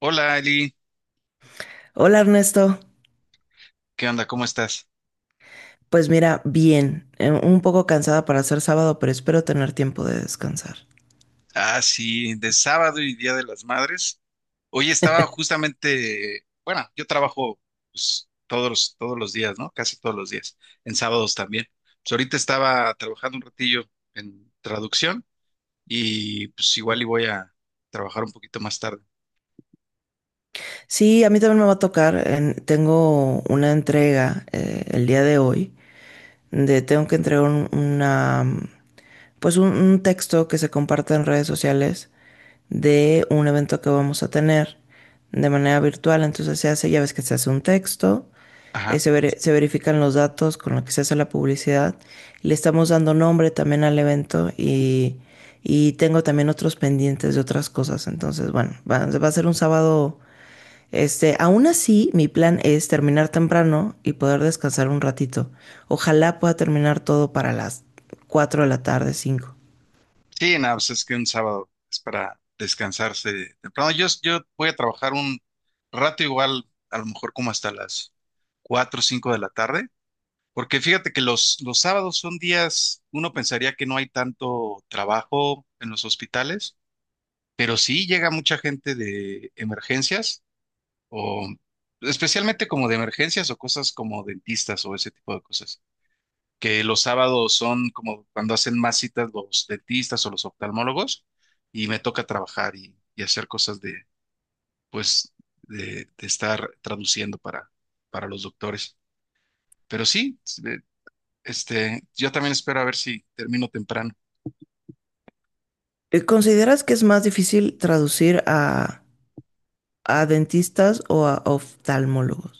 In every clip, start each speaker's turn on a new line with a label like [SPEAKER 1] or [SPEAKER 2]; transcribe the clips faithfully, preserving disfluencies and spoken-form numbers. [SPEAKER 1] Hola Eli,
[SPEAKER 2] Hola Ernesto,
[SPEAKER 1] ¿qué onda? ¿Cómo estás?
[SPEAKER 2] pues mira, bien, eh, un poco cansada para ser sábado, pero espero tener tiempo de descansar.
[SPEAKER 1] Ah, sí, de sábado y Día de las Madres. Hoy estaba justamente, bueno, yo trabajo, pues, todos los, todos los días, ¿no? Casi todos los días, en sábados también. Pues ahorita estaba trabajando un ratillo en traducción, y pues igual y voy a trabajar un poquito más tarde.
[SPEAKER 2] Sí, a mí también me va a tocar, en- tengo una entrega eh, el día de hoy de tengo que entregar un- una, pues un, un texto que se comparte en redes sociales de un evento que vamos a tener de manera virtual. Entonces se hace, ya ves que se hace un texto, eh,
[SPEAKER 1] Ajá.
[SPEAKER 2] se, veri- se verifican los datos con los que se hace la publicidad. Le estamos dando nombre también al evento y, y tengo también otros pendientes de otras cosas. Entonces, bueno, va, va a ser un sábado este, aún así, mi plan es terminar temprano y poder descansar un ratito. Ojalá pueda terminar todo para las cuatro de la tarde, cinco.
[SPEAKER 1] Sí, nada, pues es que un sábado es para descansarse temprano. Yo, yo voy a trabajar un rato igual, a lo mejor como hasta las cuatro o cinco de la tarde. Porque fíjate que los, los sábados son días, uno pensaría que no hay tanto trabajo en los hospitales, pero sí llega mucha gente de emergencias, o especialmente como de emergencias o cosas como dentistas o ese tipo de cosas, que los sábados son como cuando hacen más citas los dentistas o los oftalmólogos, y me toca trabajar y, y hacer cosas de, pues, de, de estar traduciendo para, para los doctores. Pero sí. Este, yo también espero a ver si termino temprano.
[SPEAKER 2] Eh, ¿Consideras que es más difícil traducir a, a dentistas o a oftalmólogos?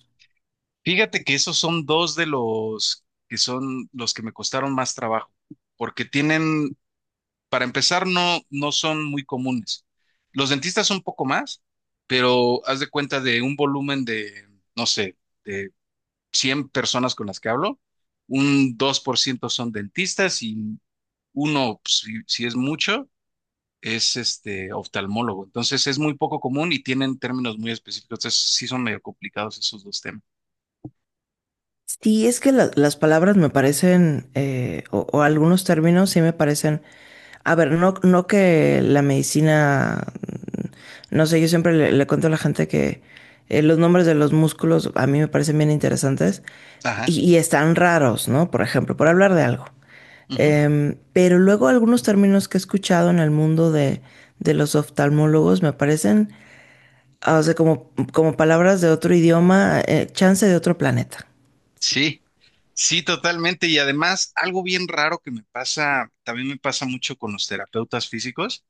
[SPEAKER 1] Fíjate que esos son dos de los que son los que me costaron más trabajo, porque tienen, para empezar, no, no son muy comunes. Los dentistas son un poco más, pero haz de cuenta de un volumen de, no sé, de cien personas con las que hablo, un dos por ciento son dentistas, y uno, pues, si, si es mucho, es este oftalmólogo. Entonces es muy poco común y tienen términos muy específicos. Entonces sí son medio complicados esos dos temas.
[SPEAKER 2] Sí, es que la- las palabras me parecen, eh, o, o algunos términos sí me parecen. A ver, no, no que la medicina, no sé, yo siempre le, le cuento a la gente que eh, los nombres de los músculos a mí me parecen bien interesantes
[SPEAKER 1] Ajá.
[SPEAKER 2] y, y están raros, ¿no? Por ejemplo, por hablar de algo.
[SPEAKER 1] Ujú.
[SPEAKER 2] Em, pero luego algunos términos que he escuchado en el mundo de, de los oftalmólogos me parecen, ah, o sea, como, como palabras de otro idioma, eh, chance de otro planeta.
[SPEAKER 1] Sí, sí, totalmente. Y además, algo bien raro que me pasa, también me pasa mucho con los terapeutas físicos,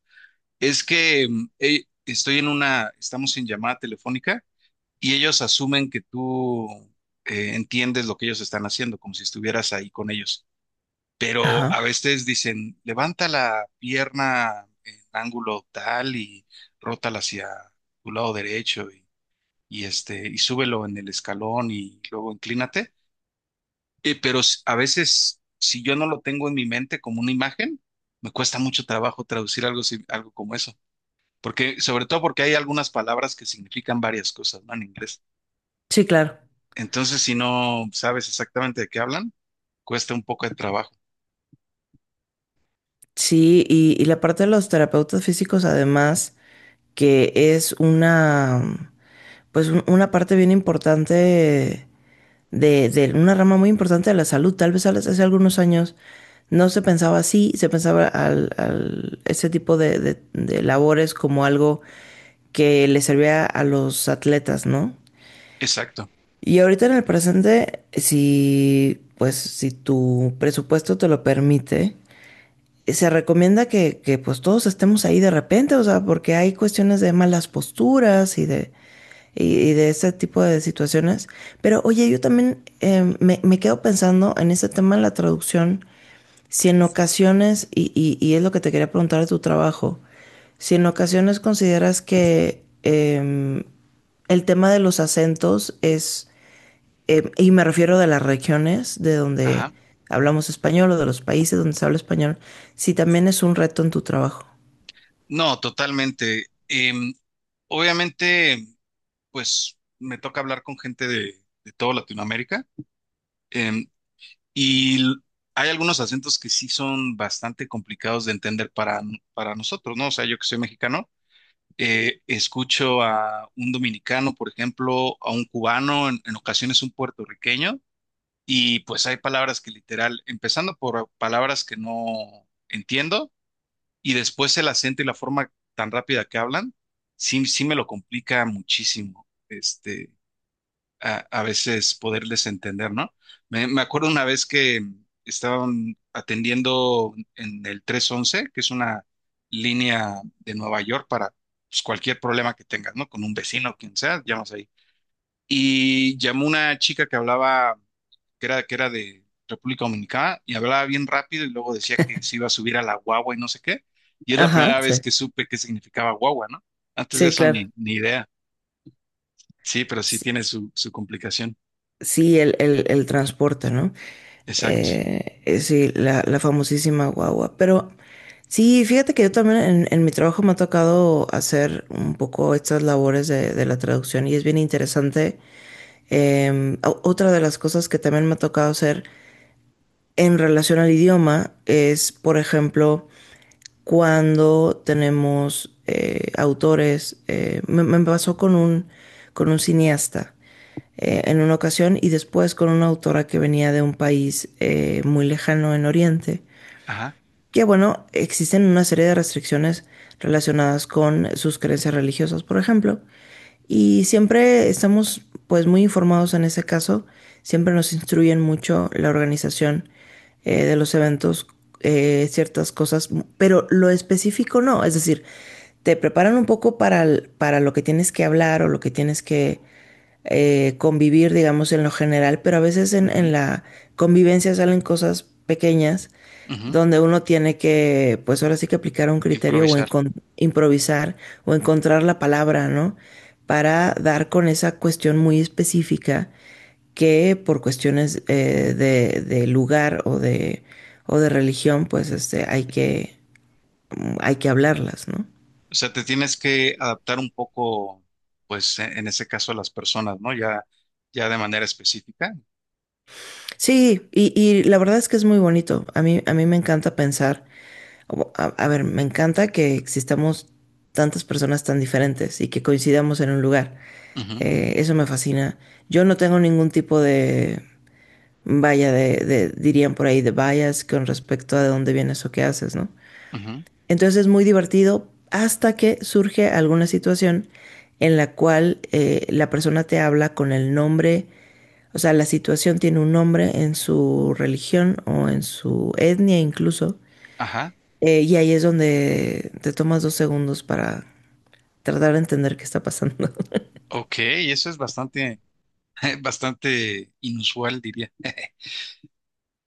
[SPEAKER 1] es que mm, eh, estoy en una, estamos en llamada telefónica, y ellos asumen que tú eh, entiendes lo que ellos están haciendo, como si estuvieras ahí con ellos. Pero a
[SPEAKER 2] Ajá.
[SPEAKER 1] veces dicen, levanta la pierna en ángulo tal y rótala hacia tu lado derecho y, y, este, y súbelo en el escalón y luego inclínate. Eh, pero s- a veces, si yo no lo tengo en mi mente como una imagen, me cuesta mucho trabajo traducir algo, si- algo como eso. Porque, sobre todo, porque hay algunas palabras que significan varias cosas, ¿no? En inglés.
[SPEAKER 2] Sí, claro.
[SPEAKER 1] Entonces, si no sabes exactamente de qué hablan, cuesta un poco de trabajo.
[SPEAKER 2] Sí, y, y la parte de los terapeutas físicos, además, que es una, pues un- una parte bien importante de, de una rama muy importante de la salud. Tal vez al- hace algunos años no se pensaba así, se pensaba al, al- ese tipo de, de- de labores como algo que le servía a los atletas, ¿no?
[SPEAKER 1] Exacto.
[SPEAKER 2] Y ahorita en el presente, si, pues, si tu presupuesto te lo permite, se recomienda que, que, pues todos estemos ahí de repente, o sea, porque hay cuestiones de malas posturas y de, y, y de ese tipo de situaciones. Pero oye, yo también eh, me, me, quedo pensando en ese tema de la traducción, si en ocasiones, y, y, y, es lo que te quería preguntar de tu trabajo, si en ocasiones consideras que eh, el tema de los acentos es eh, y me refiero de las regiones de donde
[SPEAKER 1] Ajá.
[SPEAKER 2] hablamos español o de los países donde se habla español, si también es un reto en tu trabajo.
[SPEAKER 1] No, totalmente. Em, obviamente, pues me toca hablar con gente de, de toda Latinoamérica. em, y l- Hay algunos acentos que sí son bastante complicados de entender para, n- para nosotros, ¿no? O sea, yo que soy mexicano, eh, escucho a un dominicano, por ejemplo, a un cubano, en, en ocasiones un puertorriqueño, y pues hay palabras que literal, empezando por palabras que no entiendo, y después el acento y la forma tan rápida que hablan, sí, sí me lo complica muchísimo. este, a, a veces poderles entender, ¿no? Me, me acuerdo una vez que estaban atendiendo en el trescientos once, que es una línea de Nueva York para, pues, cualquier problema que tengas, ¿no? Con un vecino, quien sea, llamas ahí, y llamó una chica que hablaba, que era, que era de República Dominicana, y hablaba bien rápido y luego decía que se iba a subir a la guagua y no sé qué. Y es la
[SPEAKER 2] Ajá,
[SPEAKER 1] primera vez
[SPEAKER 2] sí,
[SPEAKER 1] que supe qué significaba guagua, ¿no? Antes de
[SPEAKER 2] sí,
[SPEAKER 1] eso,
[SPEAKER 2] claro.
[SPEAKER 1] ni, ni idea. Sí, pero sí
[SPEAKER 2] Sí,
[SPEAKER 1] tiene su, su complicación.
[SPEAKER 2] sí, el, el, el transporte, ¿no?
[SPEAKER 1] Exacto.
[SPEAKER 2] Eh, eh, sí, la, la famosísima guagua. Pero sí, fíjate que yo también en, en mi trabajo me ha tocado hacer un poco estas labores de, de la traducción y es bien interesante. Em, o- otra de las cosas que también me ha tocado hacer en relación al idioma es, por ejemplo, cuando tenemos eh, autores. Eh, me, me pasó con un, con un cineasta eh, en una ocasión y después con una autora que venía de un país eh, muy lejano en Oriente
[SPEAKER 1] Ajá.
[SPEAKER 2] que bueno, existen una serie de restricciones relacionadas con sus creencias religiosas, por ejemplo, y siempre estamos pues muy informados en ese caso, siempre nos instruyen mucho la organización eh, de los eventos, eh, ciertas cosas, pero lo específico no, es decir, te preparan un poco para, el- para lo que tienes que hablar o lo que tienes que eh, convivir, digamos, en lo general, pero a veces en, en
[SPEAKER 1] Ujú,
[SPEAKER 2] la convivencia salen cosas pequeñas
[SPEAKER 1] ujú.
[SPEAKER 2] donde uno tiene que, pues ahora sí que aplicar un criterio o
[SPEAKER 1] Improvisar.
[SPEAKER 2] encon- improvisar o encontrar la palabra, ¿no? Para dar con esa cuestión muy específica que por cuestiones eh, de, de lugar o de, o de religión, pues este, hay que, hay que hablarlas, ¿no?
[SPEAKER 1] O sea, te tienes que adaptar un poco, pues, en, en ese caso, a las personas, ¿no? Ya, ya de manera específica.
[SPEAKER 2] Sí, y, y la verdad es que es muy bonito. A mí, a mí me encanta pensar, o- a, a ver, me encanta que existamos tantas personas tan diferentes y que coincidamos en un lugar.
[SPEAKER 1] Ujú,
[SPEAKER 2] Eh, eso me fascina. Yo no tengo ningún tipo de, vaya, de, de- dirían por ahí, de bias con respecto a de dónde vienes o qué haces, ¿no?
[SPEAKER 1] ujú.
[SPEAKER 2] Entonces es muy divertido hasta que surge alguna situación en la cual eh, la persona te habla con el nombre, o sea, la situación tiene un nombre en su religión o en su etnia incluso,
[SPEAKER 1] Ajá.
[SPEAKER 2] eh, y ahí es donde te tomas dos segundos para tratar de entender qué está pasando.
[SPEAKER 1] Ok, eso es bastante. Bastante inusual, diría.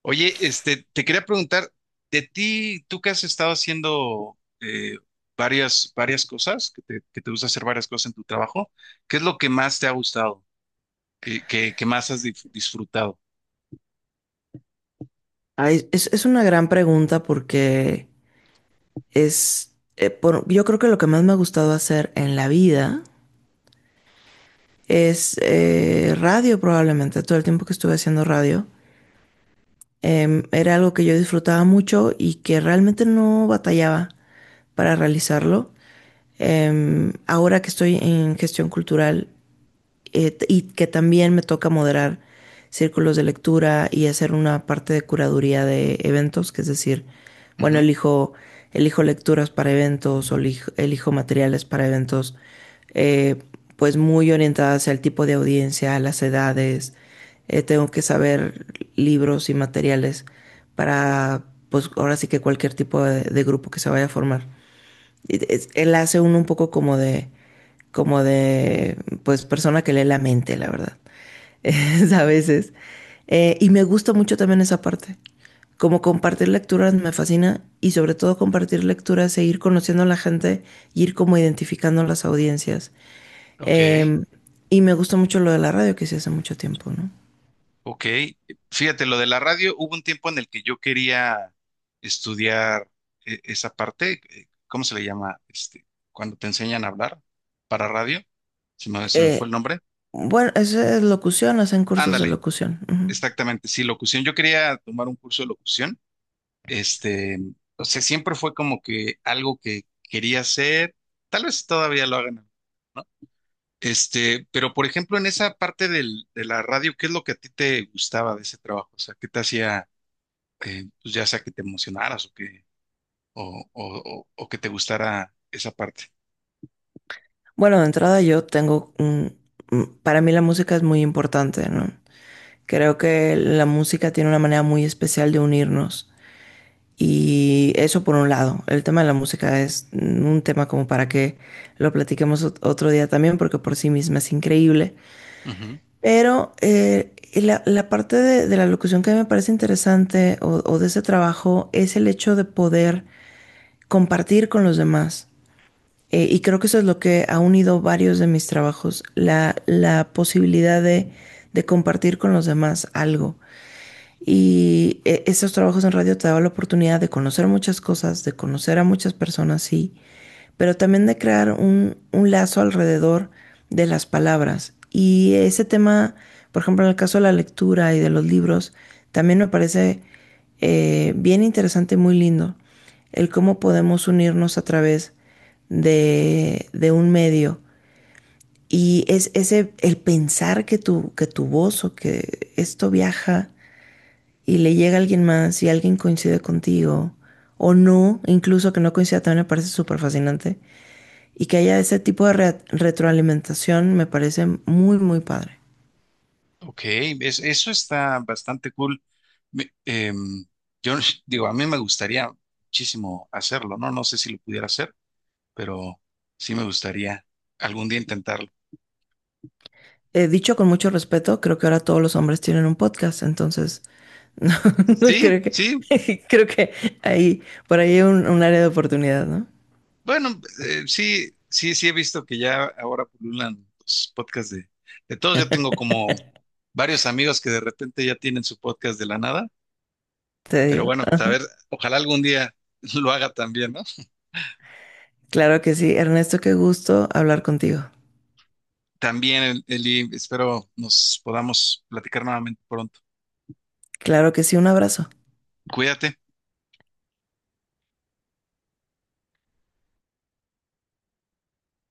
[SPEAKER 1] Oye, este, te quería preguntar, de ti, tú que has estado haciendo eh, varias, varias cosas, que te, que te gusta hacer varias cosas en tu trabajo, ¿qué es lo que más te ha gustado? ¿Qué, qué- ¿qué más has dif- disfrutado?
[SPEAKER 2] Ay, es, es una gran pregunta porque es, eh, por- yo creo que lo que más me ha gustado hacer en la vida es eh, radio probablemente, todo el tiempo que estuve haciendo radio. Eh, era algo que yo disfrutaba mucho y que realmente no batallaba para realizarlo. Em, ahora que estoy en gestión cultural, eh, t- y que también me toca moderar círculos de lectura y hacer una parte de curaduría de eventos, que es decir, bueno,
[SPEAKER 1] Ujú.
[SPEAKER 2] elijo, elijo lecturas para eventos o elijo, elijo materiales para eventos, eh, pues muy orientadas al tipo de audiencia, a las edades. Eh, tengo que saber libros y materiales para, pues ahora sí que cualquier tipo de, de grupo que se vaya a formar. Y es- Él hace uno un poco como de, como de, pues, persona que lee la mente, la verdad. Es a veces. Eh, y me gusta mucho también esa parte. Como compartir lecturas me fascina y sobre todo compartir lecturas e ir conociendo a la gente y ir como identificando las audiencias.
[SPEAKER 1] Ok.
[SPEAKER 2] Eh, y me gusta mucho lo de la radio que hice hace mucho tiempo, ¿no?
[SPEAKER 1] Ok, fíjate, lo de la radio. Hubo un tiempo en el que yo quería estudiar eh, esa parte. Eh, ¿cómo se le llama? Este, cuando te enseñan a hablar para radio, se me, se me fue el
[SPEAKER 2] Eh,
[SPEAKER 1] nombre.
[SPEAKER 2] bueno, eso es locución, hacen cursos de
[SPEAKER 1] Ándale,
[SPEAKER 2] locución. Ujú.
[SPEAKER 1] exactamente, sí, locución. Yo quería tomar un curso de locución. este, o sea, siempre fue como que algo que quería hacer, tal vez todavía lo hagan, ¿no? Este, pero, por ejemplo, en esa parte del, de la radio, ¿qué es lo que a ti te gustaba de ese trabajo? O sea, ¿qué te hacía? eh, pues, ya sea que te emocionaras, o que, o, o- o- o que te gustara esa parte.
[SPEAKER 2] Bueno, de entrada yo tengo un... un- Para mí la música es muy importante, ¿no? Creo que la música tiene una manera muy especial de unirnos. Y eso por un lado. El tema de la música es mm, un tema como para que lo platiquemos ot- otro día también, porque por sí misma es increíble.
[SPEAKER 1] Ujú.
[SPEAKER 2] Pero eh, y la, la parte de, de la locución que me parece interesante o o de ese trabajo es el hecho de poder compartir con los demás. Eh, y creo que eso es lo que ha unido varios de mis trabajos, la, la posibilidad de, de compartir con los demás algo. Y eh, esos trabajos en radio te daban la oportunidad de conocer muchas cosas, de conocer a muchas personas, sí, pero también de crear un, un lazo alrededor de las palabras. Y ese tema, por ejemplo, en el caso de la lectura y de los libros, también me parece eh, bien interesante y muy lindo el cómo podemos unirnos a través de, de un medio. Y es ese, el pensar que tu, que tu voz o que esto viaja y le llega alguien más y alguien coincide contigo o no, incluso que no coincida también me parece súper fascinante y que haya ese tipo de re- retroalimentación me parece muy, muy padre.
[SPEAKER 1] Ok, es- eso está bastante cool. Me- em, yo digo, a mí me gustaría muchísimo hacerlo, ¿no? No sé si lo pudiera hacer, pero sí me gustaría algún día intentarlo.
[SPEAKER 2] Eh, dicho con mucho respeto, creo que ahora todos los hombres tienen un podcast, entonces no, no
[SPEAKER 1] Sí,
[SPEAKER 2] creo que
[SPEAKER 1] sí,
[SPEAKER 2] creo que ahí por ahí hay un, un área de oportunidad, ¿no?
[SPEAKER 1] bueno, eh, sí, sí, sí he visto que ya ahora pululan los podcasts de, de todos. Yo tengo como varios amigos que de repente ya tienen su podcast de la nada.
[SPEAKER 2] Te
[SPEAKER 1] Pero
[SPEAKER 2] digo.
[SPEAKER 1] bueno, pues, a ver, ojalá algún día lo haga también, ¿no?
[SPEAKER 2] Claro que sí, Ernesto, qué gusto hablar contigo.
[SPEAKER 1] También, Eli, espero nos podamos platicar nuevamente pronto.
[SPEAKER 2] Claro que sí, un abrazo.
[SPEAKER 1] Cuídate.